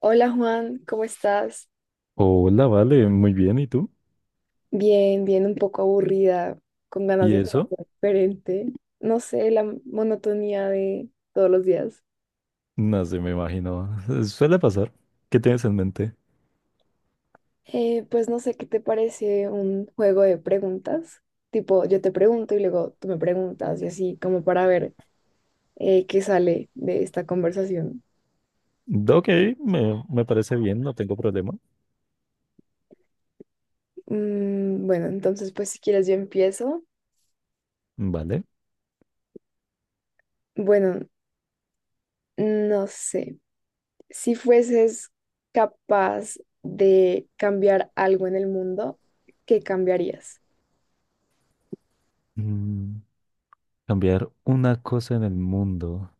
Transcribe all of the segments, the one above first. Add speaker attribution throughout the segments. Speaker 1: Hola Juan, ¿cómo estás?
Speaker 2: Hola, vale, muy bien. ¿Y tú?
Speaker 1: Bien, bien, un poco aburrida, con ganas
Speaker 2: ¿Y
Speaker 1: de hacer
Speaker 2: eso?
Speaker 1: algo diferente. No sé, la monotonía de todos los días.
Speaker 2: No sé, me imagino. Suele pasar. ¿Qué tienes en mente?
Speaker 1: Pues no sé, ¿qué te parece un juego de preguntas? Tipo, yo te pregunto y luego tú me preguntas y así como para ver qué sale de esta conversación.
Speaker 2: Ok, me parece bien, no tengo problema.
Speaker 1: Bueno, entonces pues si quieres yo empiezo.
Speaker 2: Vale.
Speaker 1: Bueno, no sé. Si fueses capaz de cambiar algo en el mundo, ¿qué cambiarías?
Speaker 2: Mm, cambiar una cosa en el mundo.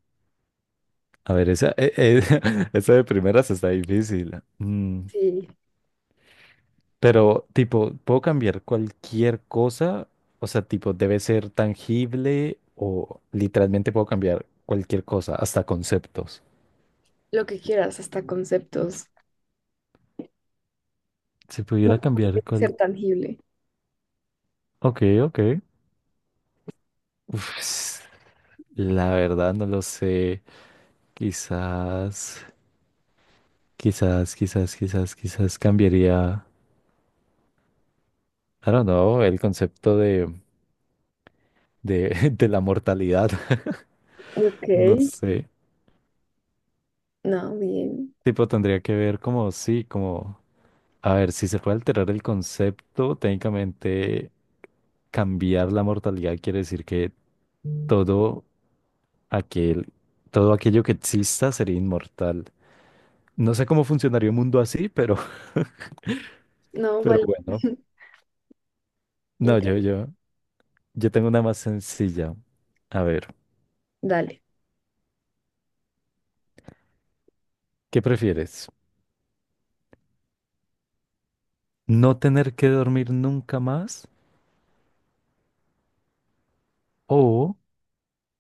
Speaker 2: A ver, esa, esa de primeras está difícil. Mm,
Speaker 1: Sí,
Speaker 2: pero, tipo, ¿puedo cambiar cualquier cosa? O sea, tipo, ¿debe ser tangible o literalmente puedo cambiar cualquier cosa, hasta conceptos?
Speaker 1: lo que quieras, hasta conceptos.
Speaker 2: Si
Speaker 1: No
Speaker 2: pudiera
Speaker 1: no
Speaker 2: cambiar
Speaker 1: tiene que
Speaker 2: cual...
Speaker 1: ser tangible.
Speaker 2: Ok, ok. Uf, la verdad no lo sé. Quizás, quizás cambiaría, I don't know, el concepto de de la mortalidad.
Speaker 1: Ok,
Speaker 2: No sé.
Speaker 1: no, bien.
Speaker 2: Tipo, tendría que ver como, sí, como, a ver, si se puede alterar el concepto, técnicamente cambiar la mortalidad quiere decir que todo aquel, todo aquello que exista sería inmortal. No sé cómo funcionaría un mundo así, pero,
Speaker 1: No,
Speaker 2: pero
Speaker 1: vale.
Speaker 2: bueno. No, yo,
Speaker 1: Inter-
Speaker 2: yo. Yo tengo una más sencilla. A ver,
Speaker 1: Dale.
Speaker 2: ¿qué prefieres? ¿No tener que dormir nunca más o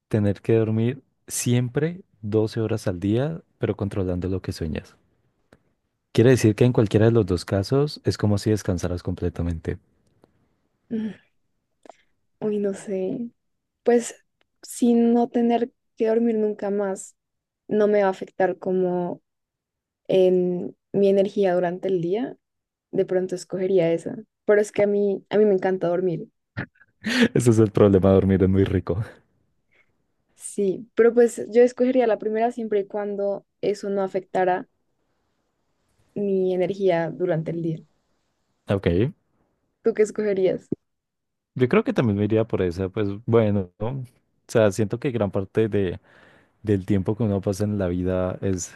Speaker 2: tener que dormir siempre 12 horas al día, pero controlando lo que sueñas? Quiere decir que en cualquiera de los dos casos es como si descansaras completamente.
Speaker 1: Mm, Uy, no sé. Pues sin no tener que dormir nunca más, no me va a afectar como en mi energía durante el día. De pronto escogería esa. Pero es que a mí me encanta dormir.
Speaker 2: Ese es el problema, dormir es muy rico.
Speaker 1: Sí, pero pues yo escogería la primera siempre y cuando eso no afectara mi energía durante el día.
Speaker 2: Ok,
Speaker 1: ¿Tú qué escogerías?
Speaker 2: yo creo que también me iría por esa, pues bueno, ¿no? O sea, siento que gran parte del tiempo que uno pasa en la vida es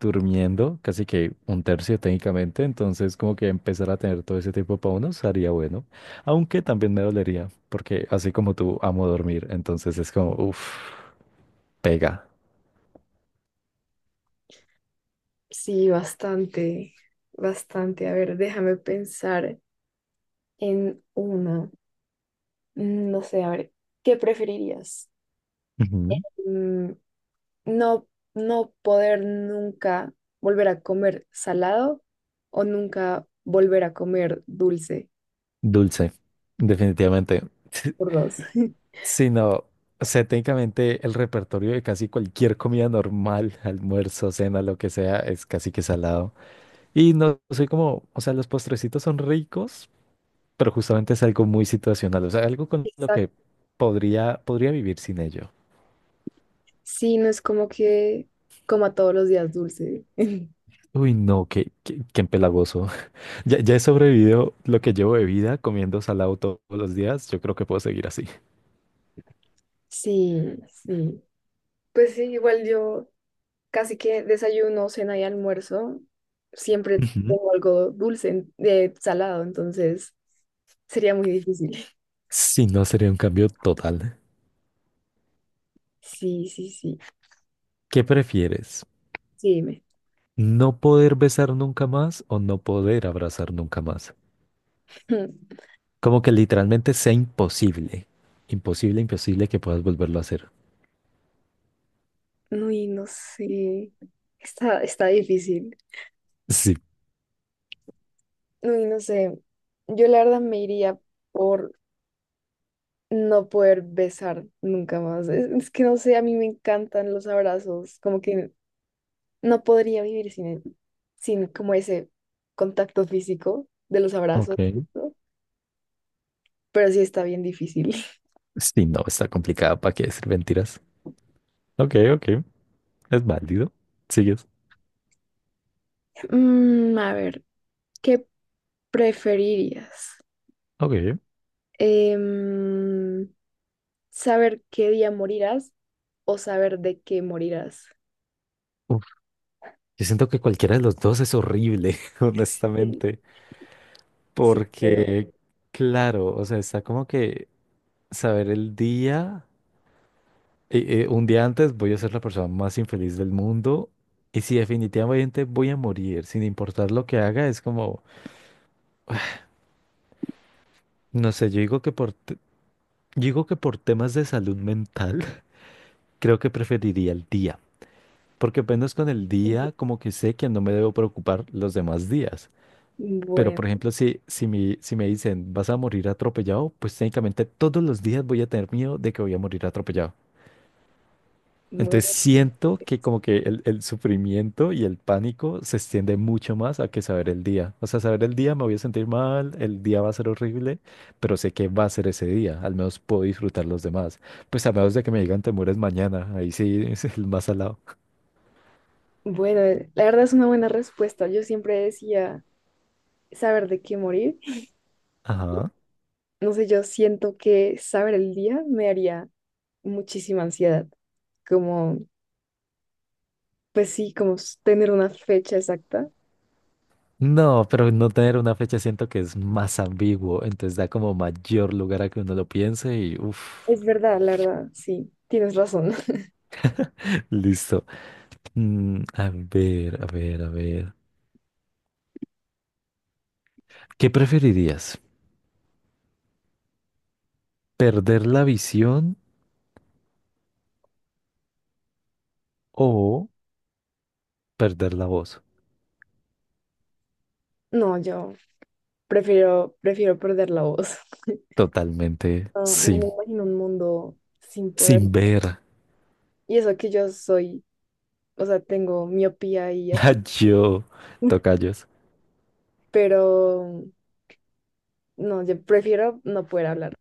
Speaker 2: durmiendo casi que un tercio técnicamente, entonces como que empezar a tener todo ese tiempo para uno sería bueno, aunque también me dolería, porque así como tú amo dormir, entonces es como, uff, pega.
Speaker 1: Sí, bastante, bastante. A ver, déjame pensar en una. No sé, a ver, ¿qué preferirías?
Speaker 2: Ujú.
Speaker 1: Mm, no, no poder nunca volver a comer salado o nunca volver a comer dulce
Speaker 2: Dulce, definitivamente.
Speaker 1: por dos.
Speaker 2: Si no, o sea, técnicamente el repertorio de casi cualquier comida normal, almuerzo, cena, lo que sea, es casi que salado. Y no soy como, o sea, los postrecitos son ricos, pero justamente es algo muy situacional, o sea, algo con lo que
Speaker 1: Exacto.
Speaker 2: podría vivir sin ello.
Speaker 1: Sí, no es como que coma todos los días dulce.
Speaker 2: Uy, no, qué empalagoso. Ya, ya he sobrevivido lo que llevo de vida comiendo salado todos los días. Yo creo que puedo seguir así.
Speaker 1: Sí, sí. Pues sí, igual yo casi que desayuno, cena y almuerzo. Siempre
Speaker 2: Ujú.
Speaker 1: tengo algo dulce, en- de salado, entonces sería muy difícil.
Speaker 2: Si no, sería un cambio total.
Speaker 1: Sí, sí, sí.
Speaker 2: ¿Qué prefieres?
Speaker 1: Sí, dime.
Speaker 2: ¿No poder besar nunca más o no poder abrazar nunca más? Como que literalmente sea imposible. Imposible, imposible que puedas volverlo a hacer.
Speaker 1: Uy, no sé. Está difícil.
Speaker 2: Sí.
Speaker 1: Uy, no sé. Yo la verdad me iría por no poder besar nunca más. Es que no sé, a mí me encantan los abrazos. Como que no podría vivir sin, él, sin como ese contacto físico de los abrazos,
Speaker 2: Ok.
Speaker 1: ¿no? Pero sí está bien difícil.
Speaker 2: Sí, no, está complicada. ¿Para qué decir mentiras? Ok, ok. Es válido. Sigues.
Speaker 1: A ver, ¿qué preferirías?
Speaker 2: Ok.
Speaker 1: Em, ¿Saber qué día morirás o saber de qué morirás?
Speaker 2: Uf, yo siento que cualquiera de los dos es horrible,
Speaker 1: Sí,
Speaker 2: honestamente.
Speaker 1: sí, creo.
Speaker 2: Porque, claro, o sea, está como que saber el día. Un día antes voy a ser la persona más infeliz del mundo. Y si definitivamente voy a morir, sin importar lo que haga, es como, no sé, yo digo que por temas de salud mental, creo que preferiría el día. Porque apenas con el
Speaker 1: Ujú.
Speaker 2: día, como que sé que no me debo preocupar los demás días. Pero,
Speaker 1: Bueno,
Speaker 2: por ejemplo, si me dicen vas a morir atropellado, pues técnicamente todos los días voy a tener miedo de que voy a morir atropellado. Entonces
Speaker 1: Bueno,
Speaker 2: siento que como que el sufrimiento y el pánico se extiende mucho más a que saber el día. O sea, saber el día me voy a sentir mal, el día va a ser horrible, pero sé que va a ser ese día. Al menos puedo disfrutar los demás. Pues a menos de que me digan te mueres mañana. Ahí sí es el más salado.
Speaker 1: bueno, la verdad es una buena respuesta. Yo siempre decía saber de qué morir.
Speaker 2: Ajá.
Speaker 1: No sé, yo siento que saber el día me haría muchísima ansiedad, como, pues sí, como s- tener una fecha exacta.
Speaker 2: No, pero no tener una fecha siento que es más ambiguo, entonces da como mayor lugar a que uno lo piense y uff,
Speaker 1: Es verdad, la verdad, sí, tienes razón.
Speaker 2: listo. Mm, a ver. ¿Qué preferirías? ¿Perder la visión o perder la voz?
Speaker 1: No, yo prefiero perder la voz.
Speaker 2: Totalmente
Speaker 1: No, no me
Speaker 2: sin,
Speaker 1: imagino un mundo sin poder.
Speaker 2: sin ver.
Speaker 1: Y eso que yo soy, o sea, tengo miopía y
Speaker 2: A
Speaker 1: así,
Speaker 2: yo, tocayos.
Speaker 1: pero no, yo prefiero no poder hablar.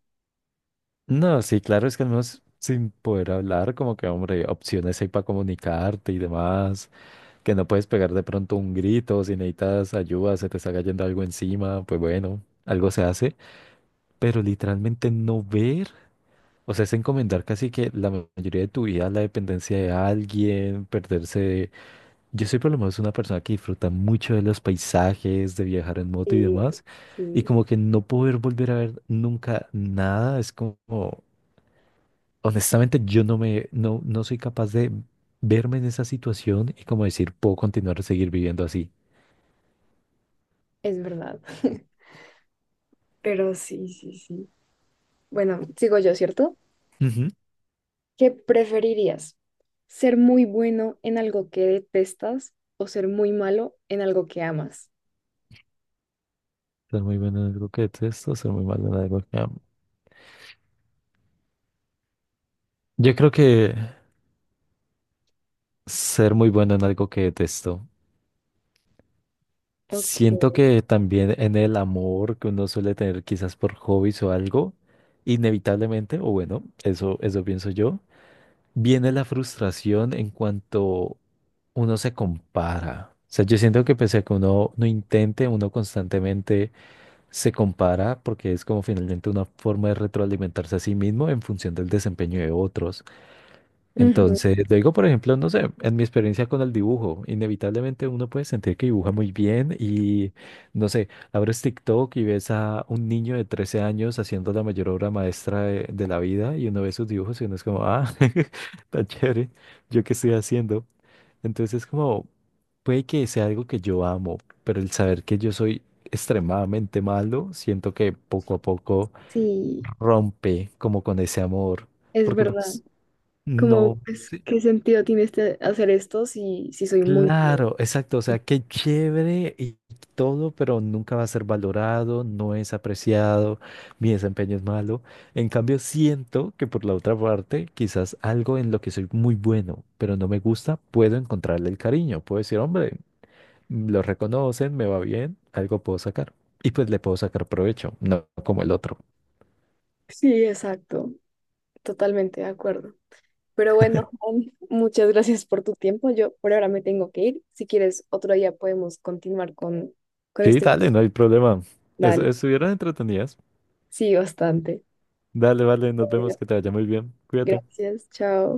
Speaker 2: No, sí, claro, es que al menos sin poder hablar, como que, hombre, opciones hay para comunicarte y demás. Que no puedes pegar de pronto un grito, si necesitas ayuda, se te está cayendo algo encima, pues bueno, algo se hace, pero literalmente no ver, o sea, es encomendar casi que la mayoría de tu vida a la dependencia de alguien, perderse. Yo soy por lo menos una persona que disfruta mucho de los paisajes, de viajar en moto y
Speaker 1: Sí,
Speaker 2: demás, y
Speaker 1: sí,
Speaker 2: como que no poder volver a ver nunca nada, es como, honestamente, yo no me, no, no soy capaz de verme en esa situación y como decir, puedo continuar a seguir viviendo así.
Speaker 1: es verdad. Pero sí, sí, sí. Bueno, sigo yo, ¿cierto? ¿Qué preferirías? ¿Ser muy bueno en algo que detestas o ser muy malo en algo que amas?
Speaker 2: Ser muy bueno en algo que detesto, ser muy malo en algo que amo. Yo creo que ser muy bueno en algo que detesto.
Speaker 1: Ok.
Speaker 2: Siento que también en el amor que uno suele tener quizás por hobbies o algo, inevitablemente, o bueno, eso pienso yo, viene la frustración en cuanto uno se compara. O sea, yo siento que pese a que uno no intente, uno constantemente se compara porque es como finalmente una forma de retroalimentarse a sí mismo en función del desempeño de otros.
Speaker 1: Ujú,
Speaker 2: Entonces, digo, por ejemplo, no sé, en mi experiencia con el dibujo, inevitablemente uno puede sentir que dibuja muy bien y, no sé, abres TikTok y ves a un niño de 13 años haciendo la mayor obra maestra de la vida y uno ve sus dibujos y uno es como, ah, tan chévere, ¿yo qué estoy haciendo? Entonces, como, puede que sea algo que yo amo, pero el saber que yo soy extremadamente malo, siento que poco a poco
Speaker 1: sí,
Speaker 2: rompe como con ese amor,
Speaker 1: es
Speaker 2: porque
Speaker 1: verdad.
Speaker 2: pues
Speaker 1: Como,
Speaker 2: no.
Speaker 1: pues,
Speaker 2: Sí,
Speaker 1: ¿qué sentido tiene este, hacer esto si, si soy muy malo?
Speaker 2: claro, exacto, o sea, qué chévere y todo, pero nunca va a ser valorado, no es apreciado, mi desempeño es malo. En cambio, siento que por la otra parte, quizás algo en lo que soy muy bueno, pero no me gusta, puedo encontrarle el cariño, puedo decir, hombre, lo reconocen, me va bien, algo puedo sacar. Y pues le puedo sacar provecho, no como el otro.
Speaker 1: Sí, exacto. Totalmente de acuerdo. Pero bueno, Juan, muchas gracias por tu tiempo. Yo por ahora me tengo que ir. Si quieres, otro día podemos continuar con
Speaker 2: Sí,
Speaker 1: este.
Speaker 2: dale, no hay problema. Es-
Speaker 1: Dale.
Speaker 2: estuvieron entretenidas.
Speaker 1: Sí, bastante.
Speaker 2: Dale, vale, nos vemos,
Speaker 1: Bueno,
Speaker 2: que te vaya muy bien. Cuídate.
Speaker 1: gracias. Chao.